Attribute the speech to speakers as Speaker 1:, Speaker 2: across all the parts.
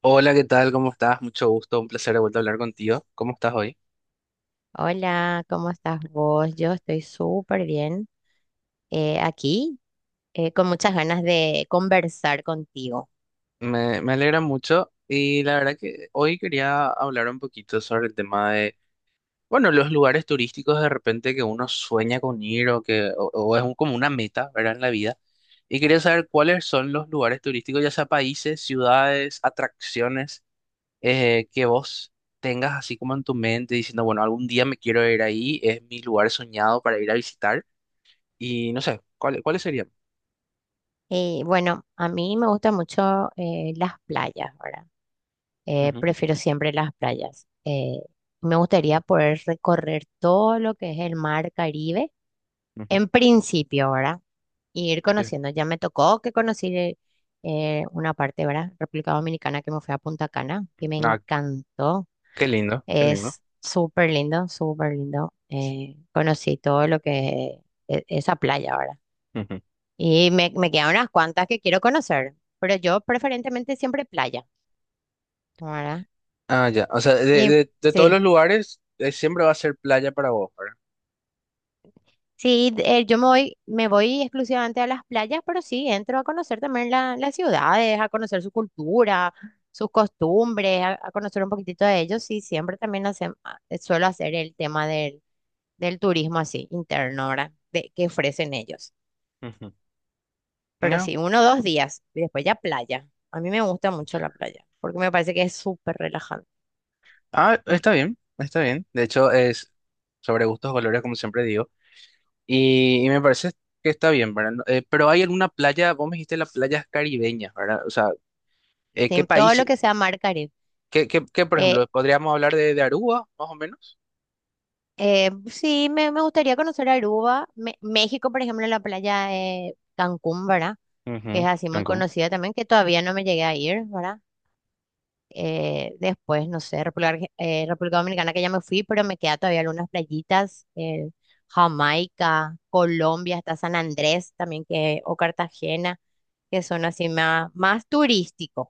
Speaker 1: Hola, ¿qué tal? ¿Cómo estás? Mucho gusto, un placer de vuelta a hablar contigo. ¿Cómo estás hoy?
Speaker 2: Hola, ¿cómo estás vos? Yo estoy súper bien aquí, con muchas ganas de conversar contigo.
Speaker 1: Me alegra mucho y la verdad que hoy quería hablar un poquito sobre el tema de, bueno, los lugares turísticos de repente que uno sueña con ir o que o es como una meta, ¿verdad? En la vida. Y quería saber cuáles son los lugares turísticos, ya sea países, ciudades, atracciones, que vos tengas así como en tu mente diciendo, bueno, algún día me quiero ir ahí, es mi lugar soñado para ir a visitar y no sé, ¿ cuáles serían?
Speaker 2: Y bueno, a mí me gustan mucho las playas, ¿verdad? Prefiero siempre las playas. Me gustaría poder recorrer todo lo que es el mar Caribe,
Speaker 1: Ujú.
Speaker 2: en principio, ¿verdad? Y ir
Speaker 1: Sí.
Speaker 2: conociendo. Ya me tocó que conocí una parte, ¿verdad? República Dominicana, que me fui a Punta Cana, que me
Speaker 1: Ah,
Speaker 2: encantó.
Speaker 1: qué lindo, qué lindo.
Speaker 2: Es súper lindo, súper lindo. Conocí todo lo que esa playa ahora.
Speaker 1: Ujú.
Speaker 2: Y me quedan unas cuantas que quiero conocer, pero yo preferentemente siempre playa, ¿verdad?
Speaker 1: Ah, ya. O sea, de,
Speaker 2: Y
Speaker 1: de todos los
Speaker 2: sí,
Speaker 1: lugares, siempre va a ser playa para vos, ¿verdad?
Speaker 2: sí, yo me voy exclusivamente a las playas, pero sí, entro a conocer también las ciudades, a conocer su cultura, sus costumbres, a conocer un poquitito de ellos. Sí, siempre también suelo hacer el tema del turismo así, interno, ¿verdad? De, que ofrecen ellos.
Speaker 1: Ujú.
Speaker 2: Pero
Speaker 1: No.
Speaker 2: sí, uno o dos días. Y después ya playa. A mí me gusta mucho la playa, porque me parece que es súper relajante.
Speaker 1: Ah,
Speaker 2: Y
Speaker 1: está bien, está bien. De hecho, es sobre gustos, colores, como siempre digo. Y me parece que está bien, ¿verdad? Pero hay alguna playa, vos me dijiste las playas caribeñas, ¿verdad? O sea,
Speaker 2: sí,
Speaker 1: ¿qué
Speaker 2: todo
Speaker 1: país?
Speaker 2: lo que sea mar Caribe.
Speaker 1: ¿Qué, qué, qué, por
Speaker 2: Eh,
Speaker 1: ejemplo? ¿Podríamos hablar de Aruba, más o menos?
Speaker 2: sí, me gustaría conocer Aruba. México, por ejemplo, la playa de Cancún, ¿verdad? Que es
Speaker 1: Ujú.
Speaker 2: así muy
Speaker 1: Cancún.
Speaker 2: conocida también, que todavía no me llegué a ir, ¿verdad? Después, no sé, República Dominicana, que ya me fui, pero me queda todavía algunas playitas. Jamaica, Colombia, hasta San Andrés también, que, o Cartagena, que son así más, más turísticos,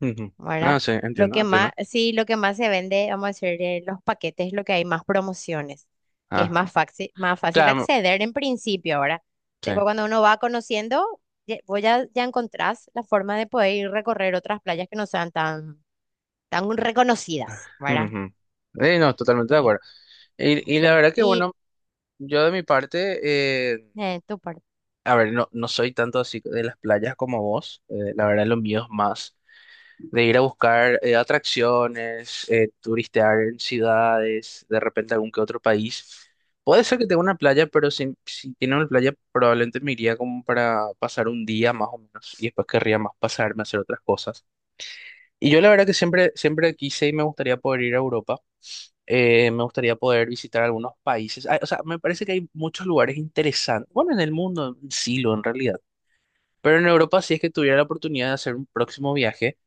Speaker 1: Ujú. No,
Speaker 2: ¿verdad?
Speaker 1: sí,
Speaker 2: Lo
Speaker 1: entiendo,
Speaker 2: que
Speaker 1: entiendo.
Speaker 2: más, sí, lo que más se vende, vamos a decir, de los paquetes es lo que hay más promociones, que es
Speaker 1: Ah,
Speaker 2: más fácil
Speaker 1: claro,
Speaker 2: acceder en principio, ¿verdad?
Speaker 1: sí.
Speaker 2: Después cuando uno va conociendo, vos ya, ya encontrás la forma de poder ir recorrer otras playas que no sean tan, tan reconocidas, ¿verdad?
Speaker 1: Ujú. No, totalmente de
Speaker 2: Sí,
Speaker 1: acuerdo. Y la
Speaker 2: sí.
Speaker 1: verdad que,
Speaker 2: Y
Speaker 1: bueno, yo de mi parte, eh,
Speaker 2: tu parte,
Speaker 1: a ver, no, no soy tanto así de las playas como vos. La verdad, lo mío es más de ir a buscar atracciones, turistear en ciudades, de repente algún que otro país. Puede ser que tenga una playa, pero si, si tiene una playa, probablemente me iría como para pasar un día más o menos y después querría más pasarme a hacer otras cosas. Y yo la verdad que siempre, siempre quise y me gustaría poder ir a Europa. Me gustaría poder visitar algunos países. Ah, o sea, me parece que hay muchos lugares interesantes. Bueno, en el mundo, en Silo, en realidad. Pero en Europa, si es que tuviera la oportunidad de hacer un próximo viaje,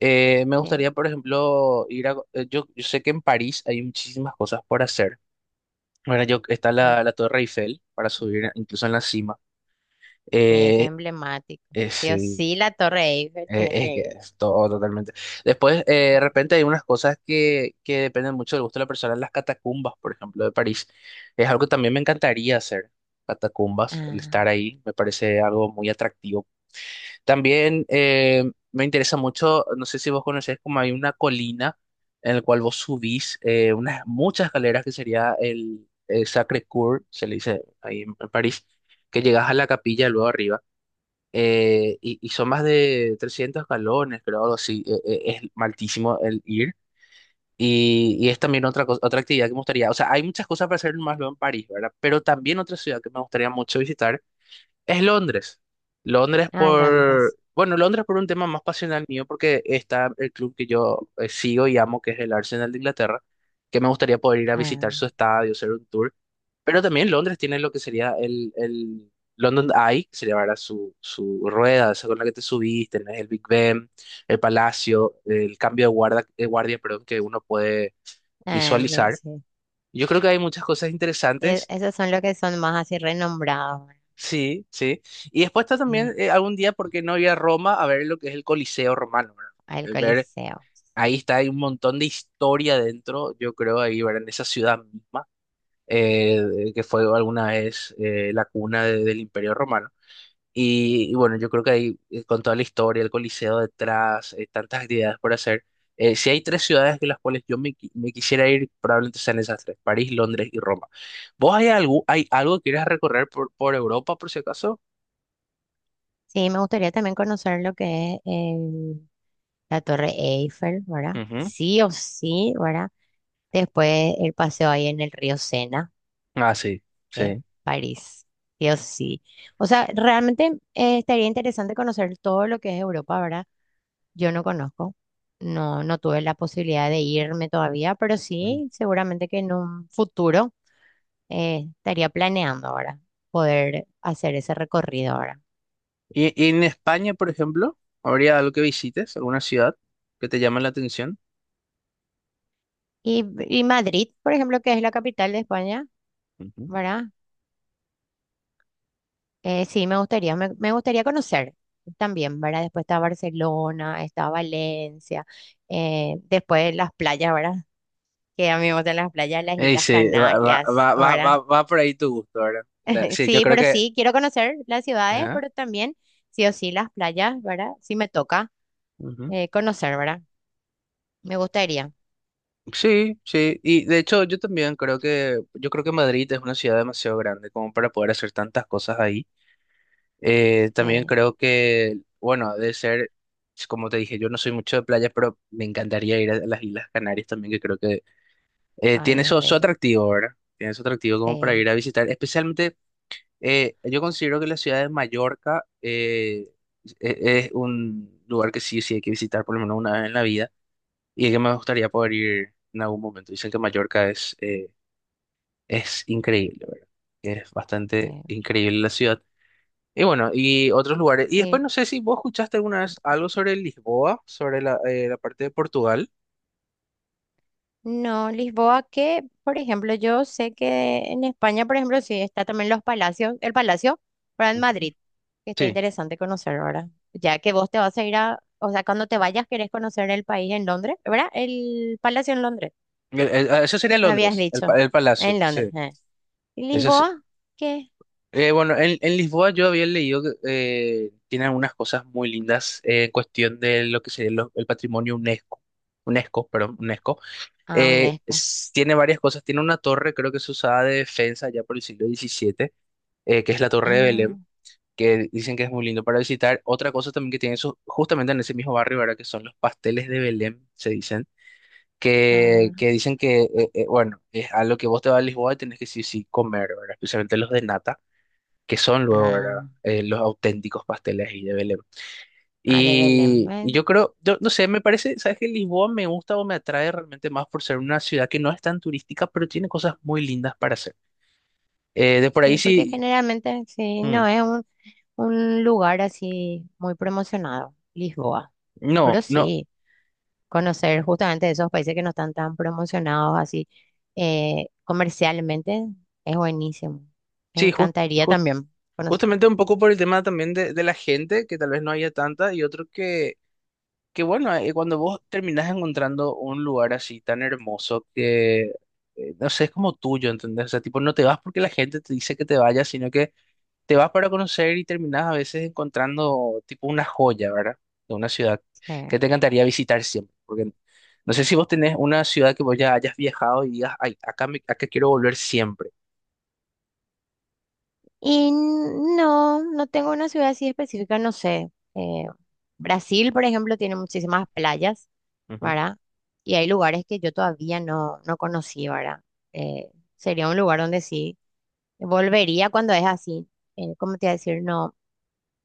Speaker 1: me
Speaker 2: eh,
Speaker 1: gustaría, por ejemplo, ir a... yo sé que en París hay muchísimas cosas por hacer. Bueno, yo, está la, la Torre Eiffel para subir, incluso en la cima.
Speaker 2: sí, es
Speaker 1: Eh,
Speaker 2: emblemático. Sí o
Speaker 1: sí.
Speaker 2: sí, la Torre Eiffel, tenés
Speaker 1: Es
Speaker 2: que
Speaker 1: que
Speaker 2: ir.
Speaker 1: es todo totalmente. Después, de repente hay unas cosas que dependen mucho del gusto de la persona. Las catacumbas, por ejemplo, de París. Es algo que también me encantaría hacer. Catacumbas, el estar
Speaker 2: Ah,
Speaker 1: ahí, me parece algo muy atractivo. También me interesa mucho, no sé si vos conocés, como hay una colina en la cual vos subís unas muchas escaleras que sería el Sacré-Cœur, se le dice ahí en París, que llegas a la capilla luego arriba y son más de 300 escalones, creo, algo así. Es maltísimo el ir. Y es también otra cosa, otra actividad que me gustaría. O sea, hay muchas cosas para hacer más luego en París, ¿verdad? Pero también otra ciudad que me gustaría mucho visitar es Londres. Londres
Speaker 2: a Londres.
Speaker 1: por, bueno, Londres por un tema más pasional mío, porque está el club que yo sigo y amo, que es el Arsenal de Inglaterra, que me gustaría poder ir a
Speaker 2: Ah.
Speaker 1: visitar su estadio, hacer un tour. Pero también Londres tiene lo que sería el London Eye, que sería ahora su, su rueda, esa con la que te subiste, tenés el Big Ben, el Palacio, el cambio de de guardia, perdón, que uno puede
Speaker 2: Ah, sí,
Speaker 1: visualizar.
Speaker 2: sí.
Speaker 1: Yo creo que hay muchas cosas
Speaker 2: E-
Speaker 1: interesantes.
Speaker 2: esos son los que son más así renombrados, ¿verdad?
Speaker 1: Sí, sí. Y después está también
Speaker 2: Sí,
Speaker 1: algún día, porque no ir a Roma a ver lo que es el Coliseo romano, ¿verdad?
Speaker 2: al
Speaker 1: Ver,
Speaker 2: Coliseo.
Speaker 1: ahí está, hay un montón de historia dentro, yo creo, ahí, ¿verdad? En esa ciudad misma, que fue alguna vez la cuna del Imperio Romano. Y bueno, yo creo que ahí, con toda la historia, el Coliseo detrás, tantas actividades por hacer. Si hay tres ciudades en las cuales yo me quisiera ir, probablemente sean esas tres, París, Londres y Roma. ¿Vos hay algo que quieras recorrer por Europa, por si acaso?
Speaker 2: Sí, me gustaría también conocer lo que es la Torre Eiffel, ¿verdad?
Speaker 1: Ujú.
Speaker 2: Sí o sí, ¿verdad? Después el paseo ahí en el río Sena,
Speaker 1: Ah, sí,
Speaker 2: que es
Speaker 1: sí.
Speaker 2: París, sí o sí. O sea, realmente estaría interesante conocer todo lo que es Europa, ¿verdad? Yo no conozco, no, no tuve la posibilidad de irme todavía, pero
Speaker 1: Ujú.
Speaker 2: sí, seguramente que en un futuro. Estaría planeando ahora poder hacer ese recorrido ahora.
Speaker 1: Y en España, por ejemplo, habría algo que visites, alguna ciudad que te llame la atención?
Speaker 2: Y Madrid, por ejemplo, que es la capital de España,
Speaker 1: Ujú.
Speaker 2: ¿verdad? Sí, me gustaría, me gustaría conocer también, ¿verdad? Después está Barcelona, está Valencia, después las playas, ¿verdad? Que a mí me gustan las playas, las Islas
Speaker 1: Sí, va, va,
Speaker 2: Canarias,
Speaker 1: va, va, va,
Speaker 2: ¿verdad?
Speaker 1: va por ahí tu gusto, ¿verdad? Sí, yo
Speaker 2: Sí,
Speaker 1: creo
Speaker 2: pero
Speaker 1: que...
Speaker 2: sí, quiero conocer las ciudades,
Speaker 1: Ajá.
Speaker 2: pero también, sí o sí, las playas, ¿verdad? Sí me toca
Speaker 1: Ujú.
Speaker 2: conocer, ¿verdad? Me gustaría.
Speaker 1: Sí, sí. Y de hecho, yo también creo que, yo creo que Madrid es una ciudad demasiado grande como para poder hacer tantas cosas ahí. También
Speaker 2: eh,
Speaker 1: creo que, bueno, de ser, como te dije, yo no soy mucho de playa, pero me encantaría ir a las Islas Canarias también, que creo que tiene
Speaker 2: Ay, es
Speaker 1: su, su
Speaker 2: bello.
Speaker 1: atractivo, ¿verdad? Tiene su atractivo como para
Speaker 2: Sí.
Speaker 1: ir a visitar. Especialmente, yo considero que la ciudad de Mallorca es un lugar que sí, o sí hay que visitar por lo menos una vez en la vida y que me gustaría poder ir en algún momento. Dicen que Mallorca es increíble, ¿verdad? Que es bastante
Speaker 2: Eh,
Speaker 1: increíble la ciudad. Y bueno, y otros lugares. Y
Speaker 2: y
Speaker 1: después no sé si vos escuchaste alguna vez algo sobre Lisboa, sobre la, la parte de Portugal.
Speaker 2: no, Lisboa, que por ejemplo, yo sé que en España, por ejemplo, sí está también los palacios, el palacio, pero en
Speaker 1: Ujú.
Speaker 2: Madrid, que está
Speaker 1: Sí,
Speaker 2: interesante conocer ahora, ya que vos te vas a ir a, o sea, cuando te vayas querés conocer el país en Londres, ¿verdad? El palacio en Londres,
Speaker 1: Ah, eso sería
Speaker 2: me habías
Speaker 1: Londres,
Speaker 2: dicho,
Speaker 1: el palacio,
Speaker 2: en Londres.
Speaker 1: sí.
Speaker 2: ¿Y Lisboa? ¿Qué?
Speaker 1: Bueno, en Lisboa yo había leído que tiene algunas cosas muy lindas en cuestión de lo que sería el patrimonio UNESCO. UNESCO, perdón, UNESCO.
Speaker 2: Ah, UNESCO.
Speaker 1: Tiene varias cosas. Tiene una torre, creo que se usaba de defensa ya por el siglo XVII, que es la Torre de
Speaker 2: Ah,
Speaker 1: Belém, que dicen que es muy lindo para visitar. Otra cosa también que tiene eso, justamente en ese mismo barrio, ¿verdad? Que son los pasteles de Belém, se dicen.
Speaker 2: ah,
Speaker 1: Que dicen que, bueno, es a lo que vos te vas a Lisboa y tenés que sí o sí comer, ¿verdad? Especialmente los de nata que son luego, ¿verdad?
Speaker 2: ah,
Speaker 1: Los auténticos pasteles ahí de Belém.
Speaker 2: ah, de Belén.
Speaker 1: Y
Speaker 2: Bueno,
Speaker 1: yo creo, yo no sé, me parece, ¿sabes qué? Lisboa me gusta o me atrae realmente más por ser una ciudad que no es tan turística, pero tiene cosas muy lindas para hacer. De por ahí
Speaker 2: sí, porque
Speaker 1: sí.
Speaker 2: generalmente, sí,
Speaker 1: mm,
Speaker 2: no es un... un lugar así muy promocionado, Lisboa. Pero
Speaker 1: no, no,
Speaker 2: sí, conocer justamente esos países que no están tan promocionados así comercialmente es buenísimo. Me
Speaker 1: sí,
Speaker 2: encantaría
Speaker 1: jus-
Speaker 2: también conocer.
Speaker 1: justamente un poco por el tema también de la gente, que tal vez no haya tanta, y otro que bueno, cuando vos terminás encontrando un lugar así tan hermoso que, no sé, es como tuyo, ¿entendés? O sea, tipo, no te vas porque la gente te dice que te vayas, sino que te vas para conocer y terminas a veces encontrando tipo una joya, ¿verdad? De una ciudad
Speaker 2: eh.
Speaker 1: que te encantaría visitar siempre. Porque no sé si vos tenés una ciudad que vos ya hayas viajado y digas, ay, acá, acá quiero volver siempre.
Speaker 2: Y no, no tengo una ciudad así específica, no sé. Brasil, por ejemplo, tiene muchísimas playas,
Speaker 1: Ujú.
Speaker 2: ¿verdad? Y hay lugares que yo todavía no conocí, ¿verdad? Eh, sería un lugar donde sí. Volvería cuando es así. ¿Cómo te iba a decir? No,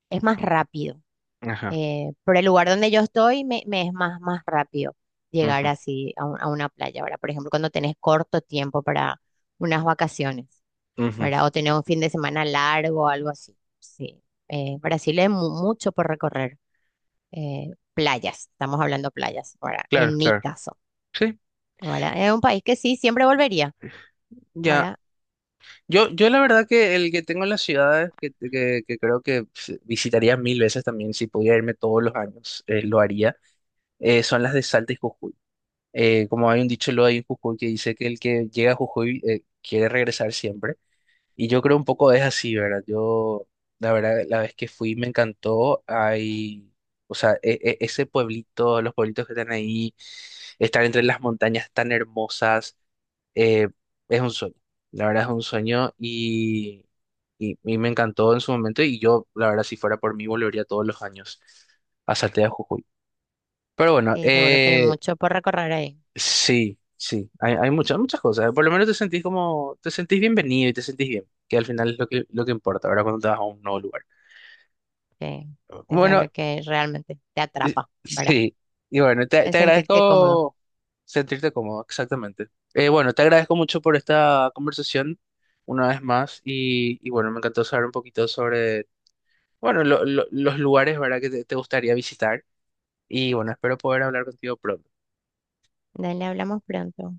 Speaker 2: es más rápido.
Speaker 1: Ajá.
Speaker 2: Por el lugar donde yo estoy, me es más, más rápido llegar
Speaker 1: Ujú,
Speaker 2: así a, a una playa. Ahora, por ejemplo, cuando tenés corto tiempo para unas vacaciones,
Speaker 1: ujú.
Speaker 2: ¿verdad? O tener un fin de semana largo o algo así. Sí. Brasil es mucho por recorrer. Playas, estamos hablando playas, ¿verdad?
Speaker 1: Claro,
Speaker 2: En mi
Speaker 1: claro.
Speaker 2: caso,
Speaker 1: Sí,
Speaker 2: ¿verdad? Es un país que sí, siempre volvería,
Speaker 1: ya.
Speaker 2: ¿verdad?
Speaker 1: Yo la verdad que el que tengo en las ciudades, que creo que pf, visitaría mil veces también, si pudiera irme todos los años, lo haría, son las de Salta y Jujuy. Como hay un dicho lo hay en Jujuy que dice que el que llega a Jujuy quiere regresar siempre. Y yo creo un poco es así, ¿verdad? Yo, la verdad, la vez que fui me encantó. Hay, o sea, ese pueblito, los pueblitos que están ahí, estar entre las montañas tan hermosas, eh, es un sueño. La verdad es un sueño y me encantó en su momento. Y yo, la verdad, si fuera por mí, volvería todos los años a Saltea Jujuy. Pero bueno,
Speaker 2: Seguro que hay mucho por recorrer ahí.
Speaker 1: sí, sí, hay muchas, muchas cosas. Por lo menos te sentís como, te sentís bienvenido y te sentís bien, que al final es lo que importa, ¿verdad? Cuando te vas a un nuevo lugar.
Speaker 2: Sí, eso es
Speaker 1: Bueno,
Speaker 2: lo que realmente te atrapa, ¿verdad?
Speaker 1: sí, y bueno, te,
Speaker 2: El
Speaker 1: te
Speaker 2: sentirte cómodo.
Speaker 1: agradezco sentirte cómodo, exactamente. Bueno, te agradezco mucho por esta conversación una vez más y bueno, me encantó saber un poquito sobre, bueno, los lugares, ¿verdad? Que te gustaría visitar y bueno, espero poder hablar contigo pronto.
Speaker 2: Dale, hablamos pronto.